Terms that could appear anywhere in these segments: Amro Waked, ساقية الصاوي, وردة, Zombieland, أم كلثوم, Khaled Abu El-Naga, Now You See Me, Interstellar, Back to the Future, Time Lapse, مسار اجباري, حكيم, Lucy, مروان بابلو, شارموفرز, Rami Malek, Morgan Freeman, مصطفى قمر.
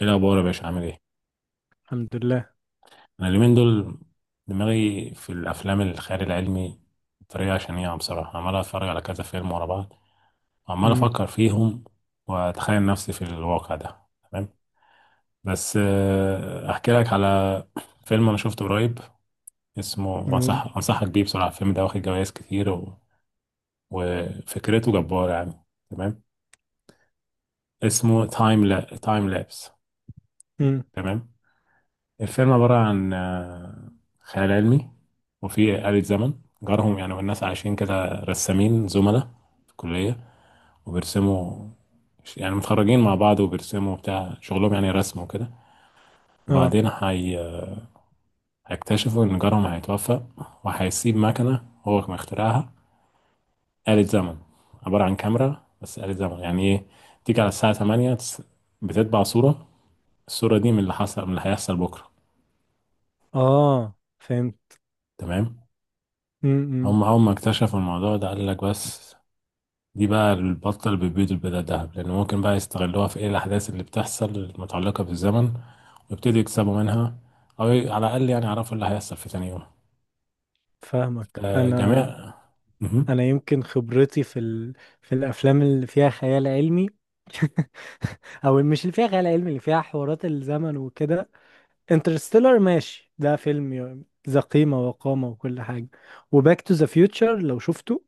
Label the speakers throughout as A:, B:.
A: ايه الاخبار يا باشا؟ عامل ايه؟
B: الحمد لله.
A: انا اليومين دول دماغي في الافلام الخيال العلمي بطريقه شنيعه بصراحه، عمال اتفرج على كذا فيلم ورا بعض وعمال
B: امم
A: افكر فيهم واتخيل نفسي في الواقع ده. تمام، بس احكي لك على فيلم انا شفته قريب، اسمه،
B: يو-
A: وانصح انصحك بيه بصراحه. الفيلم ده واخد جوائز كتير وفكرته جباره يعني. تمام، اسمه تايم لا تايم لابس.
B: امم
A: تمام، الفيلم عبارة عن خيال علمي، وفي آلة زمن جارهم يعني. والناس عايشين كده رسامين زملاء في الكلية، وبيرسموا، يعني متخرجين مع بعض وبيرسموا بتاع شغلهم، يعني رسم وكده.
B: اه،
A: وبعدين هيكتشفوا إن جارهم هيتوفى، وهيسيب مكنة هو كان مخترعها، آلة زمن عبارة عن كاميرا، بس آلة زمن يعني إيه؟ تيجي على الساعة 8، بتتبع صورة، الصورة دي من اللي حصل، من اللي هيحصل بكرة.
B: اه، فهمت.
A: تمام،
B: امم
A: هم أول ما اكتشفوا الموضوع ده قال لك، بس دي بقى البطة اللي بتبيض البيضة الذهب، لأن ممكن بقى يستغلوها في إيه، الأحداث اللي بتحصل المتعلقة بالزمن، ويبتدوا يكسبوا منها، أو على الأقل يعني يعرفوا اللي هيحصل في تاني يوم.
B: فاهمك. انا
A: جميع.
B: انا يمكن خبرتي في في الافلام اللي فيها خيال علمي، او مش اللي فيها خيال علمي، اللي فيها حوارات الزمن وكده. انترستيلر، ماشي، ده فيلم ذا قيمة وقامة وكل حاجة. وباك تو ذا فيوتشر، لو شفته.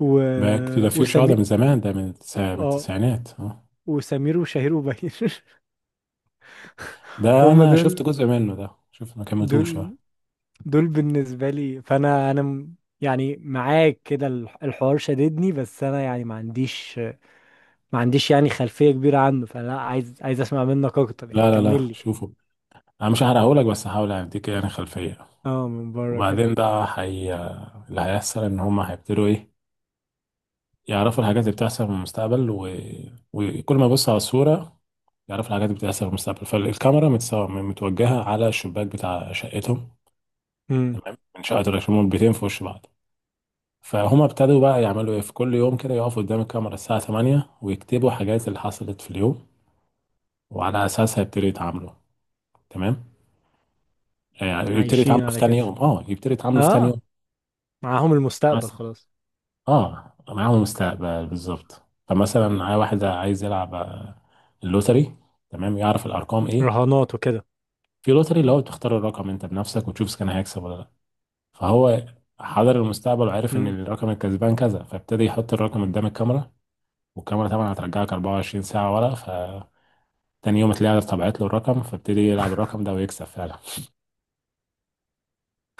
B: و...
A: باك تو ذا فيوتشر ده
B: وسمير
A: من زمان، ده من
B: اه
A: التسعينات آه.
B: وسمير وشهير وبهير.
A: ده
B: هم
A: أنا شفت
B: دول
A: جزء منه، ده شوف ما كملتوش آه.
B: دول دول بالنسبة لي. فأنا يعني معاك كده، الحوار شددني، بس أنا يعني ما عنديش، يعني خلفية كبيرة عنه، فلا، عايز، أسمع منك أكتر، يعني
A: لا لا
B: كمل
A: لا،
B: لي كده.
A: شوفوا، أنا مش هحرقهولك، بس هحاول أديك يعني خلفية.
B: اه، من بره كده.
A: وبعدين ده حي... اللي هيحصل إن هما هيبتدوا إيه، يعرفوا الحاجات اللي بتحصل في المستقبل وكل ما يبص على الصورة يعرف الحاجات اللي بتحصل في المستقبل. فالكاميرا متوجهة على الشباك بتاع شقتهم.
B: امم
A: تمام، من شقة الرئيس، هما البيتين في وش بعض، فهما ابتدوا بقى يعملوا ايه، في كل يوم كده يقفوا قدام الكاميرا الساعة 8 ويكتبوا حاجات اللي حصلت في اليوم، وعلى أساسها يبتدوا يتعاملوا. تمام، يعني يبتدوا
B: عايشين
A: يتعاملوا في
B: على
A: تاني
B: كده.
A: يوم، اه يبتدوا يتعاملوا في تاني يوم.
B: اه، معاهم المستقبل
A: مثلا،
B: خلاص.
A: اه معاهم مستقبل بالظبط. فمثلا واحد عايز يلعب اللوتري. تمام، يعرف الأرقام
B: مم.
A: ايه،
B: رهانات وكده.
A: في لوتري اللي هو بتختار الرقم انت بنفسك وتشوف اذا كان هيكسب ولا. فهو حضر المستقبل وعرف ان
B: امم
A: الرقم الكسبان كذا، فابتدى يحط الرقم قدام الكاميرا، والكاميرا طبعا هترجعك 24 ساعة ورا، فتاني يوم تلاقيها طبعت له الرقم، فابتدي يلعب الرقم ده ويكسب فعلا.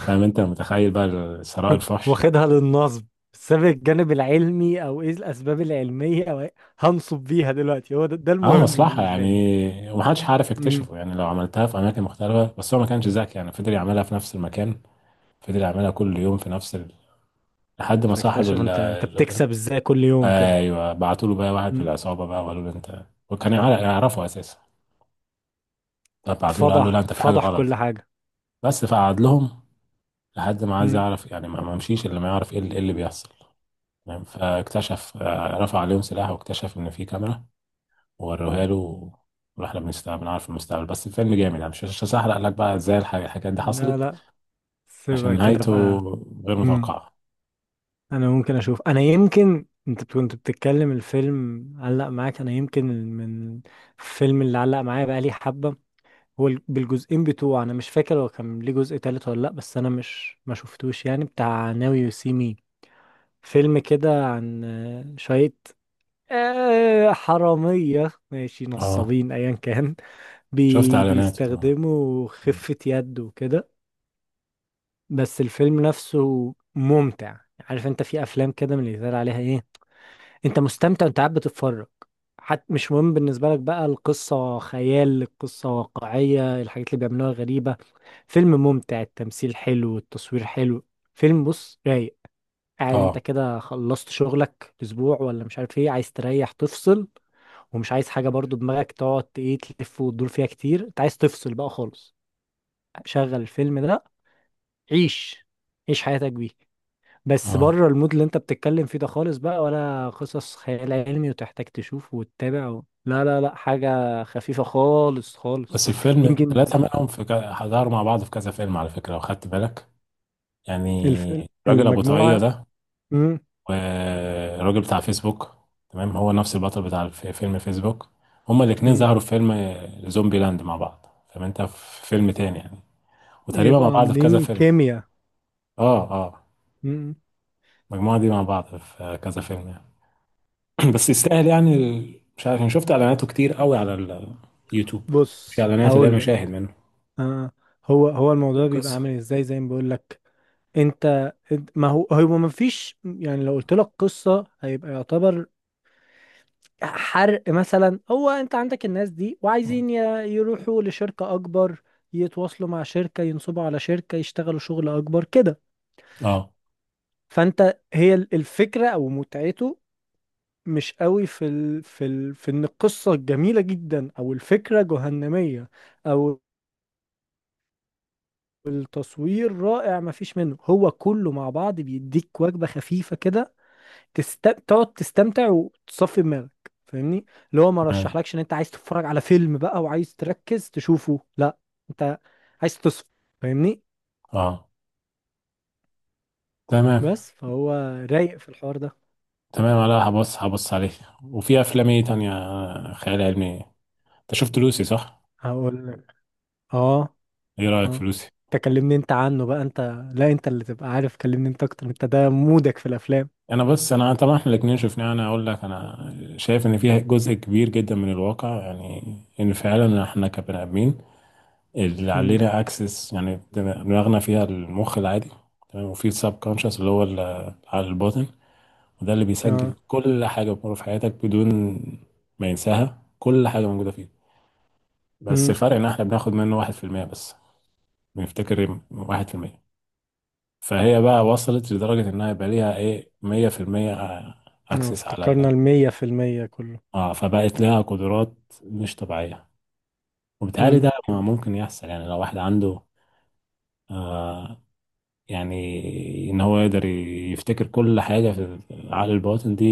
A: فاهم؟ انت متخيل بقى ثراء الفحش.
B: واخدها للنصب، سابق الجانب العلمي أو إيه الأسباب العلمية أو إيه؟ هنصب بيها دلوقتي، هو ده،
A: اه
B: المهم
A: مصلحة
B: بالنسبة لي.
A: يعني، ومحدش عارف
B: امم
A: يكتشفه، يعني لو عملتها في أماكن مختلفة، بس هو ما كانش ذكي يعني، فضل يعملها في نفس المكان، فضل يعملها كل يوم في نفس ال... لحد ما صاحب
B: فاكتشف
A: ال...
B: أنت
A: ال-
B: بتكسب إزاي كل يوم كده.
A: ايوه، بعتوا له بقى واحد من العصابة بقى وقالوا له انت، وكان يعرفه أساسا، فبعتوا له قال له لا
B: فضح،
A: انت في حاجه
B: فضح كل
A: غلط.
B: حاجة.
A: بس فقعد لهم، لحد ما عايز
B: مم.
A: يعرف يعني، ما مشيش الا ما يعرف إيه اللي بيحصل. تمام، فاكتشف رفع عليهم سلاح، واكتشف ان في كاميرا، ووروها له، واحنا بنستقبل بنعرف المستقبل. بس الفيلم جامد يعني، مش هحرق لك بقى ازاي الحاجات دي
B: لا
A: حصلت،
B: لا،
A: عشان
B: سيبها كده
A: نهايته
B: بقى.
A: غير
B: مم.
A: متوقعه.
B: انا ممكن اشوف، انا يمكن انت كنت بتتكلم الفيلم علق معاك، انا يمكن من الفيلم اللي علق معايا بقى لي حبة. هو بالجزئين بتوعه، انا مش فاكر هو كان ليه جزء تالت ولا لا، بس انا مش ما شفتوش، يعني بتاع ناو يو سي مي. فيلم كده عن شوية، حرامية، ماشي،
A: اه
B: نصابين، ايا كان.
A: شفت اعلاناته طبعا.
B: بيستخدموا خفة يد وكده. بس الفيلم نفسه ممتع. عارف، انت في افلام كده من اللي يتقال عليها ايه، انت مستمتع وانت قاعد بتتفرج. حتى مش مهم بالنسبه لك بقى القصه خيال، القصه واقعيه، الحاجات اللي بيعملوها غريبه. فيلم ممتع، التمثيل حلو، التصوير حلو، فيلم بص رايق. قاعد انت
A: اه،
B: كده، خلصت شغلك اسبوع ولا مش عارف ايه، عايز تريح، تفصل، ومش عايز حاجه برضو دماغك تقعد ايه، تلف وتدور فيها كتير، انت عايز تفصل بقى خالص. شغل الفيلم ده. عيش، عيش حياتك بيه. بس
A: اه،
B: بره المود اللي انت بتتكلم فيه ده خالص بقى، ولا قصص خيال علمي وتحتاج تشوف وتتابع لا لا، لا حاجة خفيفة خالص خالص.
A: بس الفيلم
B: يمكن
A: الثلاثة منهم في ك... ظهروا مع بعض في كذا فيلم على فكرة، لو خدت بالك
B: الف...
A: يعني. الراجل أبو طاقية
B: المجموعة.
A: ده
B: مم.
A: والراجل بتاع فيسبوك، تمام هو نفس البطل بتاع فيلم فيسبوك. هما الاتنين
B: مم.
A: ظهروا في فيلم زومبي لاند مع بعض، فانت في فيلم تاني يعني، وتقريبا مع
B: يبقوا
A: بعض في كذا
B: عاملين
A: فيلم.
B: كيمياء.
A: اه، اه،
B: مم.
A: المجموعة دي مع بعض في كذا فيلم يعني. بس يستاهل يعني، مش عارف، أنا شفت اعلاناته كتير قوي على اليوتيوب، مش
B: بص
A: اعلانات، اللي هي
B: هقول لك.
A: المشاهد منه.
B: آه. هو، هو
A: إيه
B: الموضوع بيبقى
A: القصة؟
B: عامل ازاي زي ما بقول لك انت؟ ما هو، هو ما فيش يعني، لو قلت لك قصة هيبقى يعتبر حرق. مثلا هو انت عندك الناس دي، وعايزين يروحوا لشركة اكبر، يتواصلوا مع شركة، ينصبوا على شركة، يشتغلوا شغل اكبر كده.
A: اه،
B: فانت هي الفكرة او متعته مش قوي في في في ان القصة الجميلة جدا او الفكرة جهنمية، او التصوير رائع. مفيش منه، هو كله مع بعض بيديك وجبة خفيفة كده. تقعد تستمتع وتصفي دماغك. فاهمني؟ اللي هو ما
A: تمام.
B: رشحلكش ان انت عايز تتفرج على فيلم بقى وعايز تركز تشوفه، لا، انت عايز تصفي. فاهمني؟
A: اه، تمام.
B: بس فهو رايق في الحوار ده.
A: تمام، لا هبص عليه. وفي افلام ايه تانية خيال علمي؟ انت شفت لوسي صح؟
B: هقول لك. اه،
A: ايه رأيك
B: اه،
A: في لوسي؟
B: انت كلمني انت عنه بقى انت. لا، انت اللي تبقى عارف، كلمني انت اكتر، انت ده مودك في الافلام.
A: انا بس، انا طبعا احنا الاثنين شفناه، انا اقول لك انا شايف ان فيها جزء كبير جدا من الواقع، يعني ان فعلا احنا كبني ادمين اللي
B: امم
A: علينا اكسس، يعني دماغنا فيها المخ العادي، تمام، وفي السب كونشس اللي هو على الباطن، وده اللي بيسجل
B: اه.
A: كل حاجه بتمر في حياتك بدون ما ينساها، كل حاجه موجوده فيه. بس
B: امم
A: الفرق ان احنا بناخد منه 1% بس، بنفتكر 1%. فهي بقى وصلت لدرجه انها يبقى ليها ايه، 100% اكسس على
B: افتكرنا
A: ال،
B: 100% كله.
A: اه فبقت لها قدرات مش طبيعية. وبالتالي ده ممكن يحصل، يعني لو واحد عنده آه، يعني ان هو يقدر يفتكر كل حاجة في عقل الباطن دي،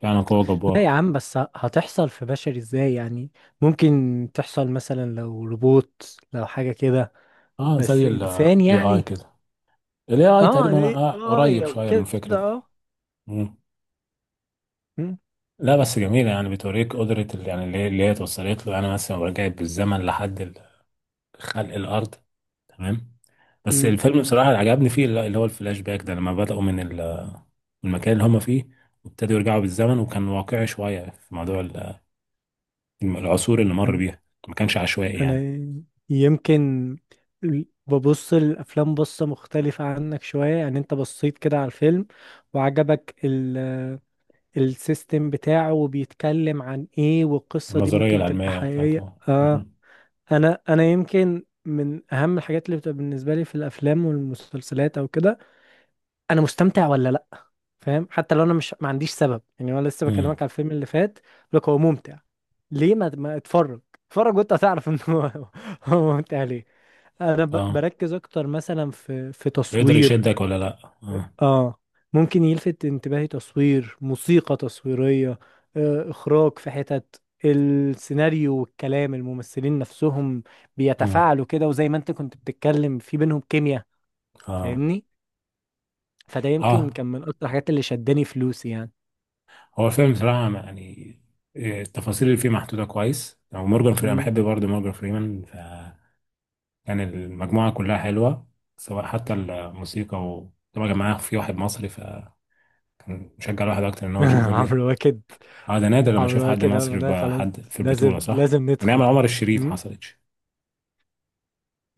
A: فعلا قوة
B: لا يا
A: جبارة.
B: عم، بس هتحصل في بشري ازاي يعني؟ ممكن تحصل مثلا لو روبوت، لو حاجة كده،
A: اه
B: بس
A: زي ال
B: انسان
A: AI
B: يعني.
A: كده، ال AI
B: اه،
A: تقريبا آه
B: اه،
A: قريب
B: لو
A: شوية من
B: كده.
A: الفكرة دي.
B: اه.
A: مم.
B: م-
A: لا بس جميلة يعني، بتوريك قدرة اللي هي توصلت له، يعني مثلا لو رجعت بالزمن لحد خلق الارض. تمام، بس
B: م.
A: الفيلم بصراحه اللي عجبني فيه، اللي هو الفلاش باك ده، لما بداوا من المكان اللي هم فيه، وابتدوا يرجعوا بالزمن، وكان واقعي شويه في موضوع العصور اللي مر
B: أن-
A: بيها، ما كانش عشوائي
B: انا
A: يعني.
B: يمكن ببص الافلام بصة مختلفة عنك شوية. يعني انت بصيت كده على الفيلم، وعجبك السيستم بتاعه، وبيتكلم عن ايه، والقصة دي
A: النظريه
B: ممكن تبقى
A: العلميه
B: حقيقية.
A: بتاعته
B: اه،
A: مهم.
B: انا يمكن من اهم الحاجات اللي بتبقى بالنسبه لي في الافلام والمسلسلات او كده، انا مستمتع ولا لا. فاهم؟ حتى لو انا مش ما عنديش سبب. يعني انا لسه
A: مم.
B: بكلمك على الفيلم اللي فات، لك هو ممتع ليه؟ ما اتفرج، اتفرج وانت هتعرف ان هو هو ممتع ليه. انا
A: اه
B: بركز اكتر مثلا في
A: يقدر
B: تصوير.
A: يشدك ولا لا؟ اه.
B: اه. ممكن يلفت انتباهي تصوير، موسيقى تصويرية، اخراج، في حتت السيناريو والكلام، الممثلين نفسهم
A: مم.
B: بيتفاعلوا كده، وزي ما انت كنت بتتكلم في بينهم كيمياء.
A: اه،
B: فاهمني؟ فده يمكن
A: اه،
B: كان من اكتر الحاجات اللي شداني فلوسي يعني.
A: هو الفيلم بصراحه يعني، التفاصيل اللي فيه محطوطه كويس، ومورجان فريمان أنا
B: مم.
A: بحب برضه مورجان فريمان، كان المجموعة كلها حلوة، سواء حتى الموسيقى، و طبعا معاه في واحد مصري فكان مشجع الواحد أكتر إن هو يشوفه ليه.
B: عمرو واكد،
A: اه ده نادر لما أشوف
B: عمرو
A: حد
B: واكد اول ما
A: مصري
B: ده
A: بقى،
B: خلاص،
A: حد في البطولة
B: لازم
A: صح؟
B: لازم
A: من أيام
B: ندخل.
A: عمر الشريف ما حصلتش.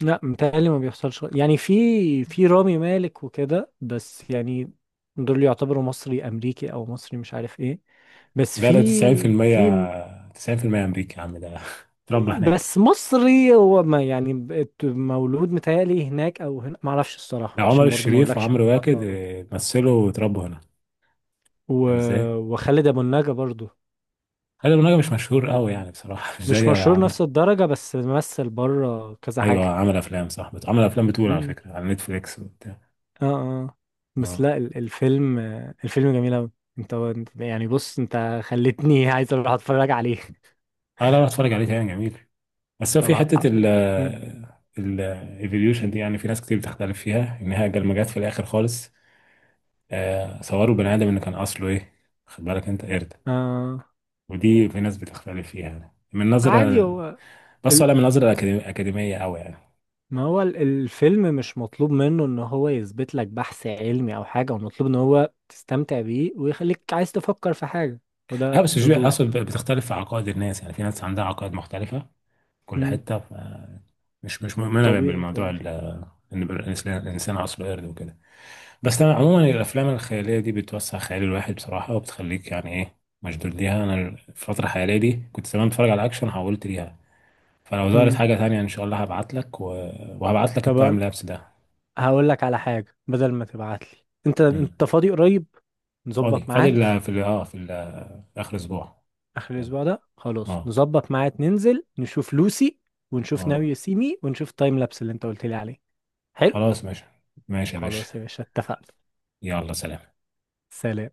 B: لا، متهيألي ما بيحصلش يعني، في في رامي مالك وكده، بس يعني دول يعتبروا مصري امريكي او مصري مش عارف ايه. بس
A: لا ده
B: في
A: 90%، 90% أمريكي يا عم ده اتربى هناك.
B: بس مصري، هو ما يعني بقت مولود متهيألي هناك او هنا، ما اعرفش
A: ده
B: الصراحة،
A: عمر
B: عشان برضو ما
A: الشريف
B: اقولكش
A: وعمرو
B: معلومات
A: واكد
B: مولود.
A: مثلوا واتربوا هنا،
B: و...
A: فاهم ازاي؟
B: وخالد ابو النجا برضو.
A: خالد أبو النجا مش مشهور قوي يعني بصراحة مش
B: مش
A: زي
B: مشهور
A: عمرو.
B: نفس الدرجة، بس مثل بره كذا
A: أيوه
B: حاجة.
A: عمل أفلام صح، عمل أفلام بتقول على فكرة على نتفليكس وبتاع.
B: اه، اه. بس
A: اه،
B: لا الفيلم، الفيلم جميل أوي. انت يعني بص، انت خلتني عايز اروح اتفرج عليه.
A: اه، لا لا اتفرج عليه تاني، جميل. بس هو
B: طب.
A: في حتة
B: ه-
A: ال
B: مم.
A: ال evolution دي، يعني في ناس كتير بتختلف فيها، إن هي لما جت في الآخر خالص صوروا بني آدم إنه كان أصله إيه، خد بالك أنت قرد.
B: آه.
A: ودي في ناس بتختلف فيها يعني، من
B: عادي
A: نظرة،
B: هو
A: بس
B: ال...
A: ولا من نظرة أكاديمية أوي يعني.
B: ما هو الفيلم مش مطلوب منه ان هو يثبت لك بحث علمي او حاجة، هو مطلوب ان هو تستمتع بيه ويخليك عايز تفكر في حاجة،
A: أه
B: وده
A: بس مش
B: دوره.
A: أصل، بتختلف في عقائد الناس، يعني في ناس عندها عقائد مختلفة في كل
B: مم.
A: حتة مش مؤمنة
B: طبيعي
A: بالموضوع
B: طبيعي.
A: إن الإنسان أصله قرد وكده. بس انا عموما الافلام الخياليه دي بتوسع خيال الواحد بصراحه، وبتخليك يعني ايه مشدود ليها. انا الفتره الحاليه دي، كنت زمان بتفرج على اكشن، حولت ليها. فلو ظهرت
B: مم.
A: حاجه تانية ان شاء الله هبعت لك وهبعت لك
B: طب
A: التايم لابس ده.
B: هقول لك على حاجة، بدل ما تبعت لي انت،
A: مم.
B: انت فاضي قريب؟
A: فاضي
B: نظبط
A: فاضي
B: ميعاد.
A: ال- في ال- اه في ال- اخر اسبوع.
B: اخر
A: تمام.
B: الاسبوع ده خلاص،
A: اه،
B: نظبط ميعاد ننزل نشوف لوسي، ونشوف ناو
A: اه،
B: يو سي مي، ونشوف تايم لابس اللي انت قلت لي عليه. حلو.
A: خلاص ماشي، ماشي يا باشا،
B: خلاص يا باشا، اتفقنا.
A: يلا سلام.
B: سلام.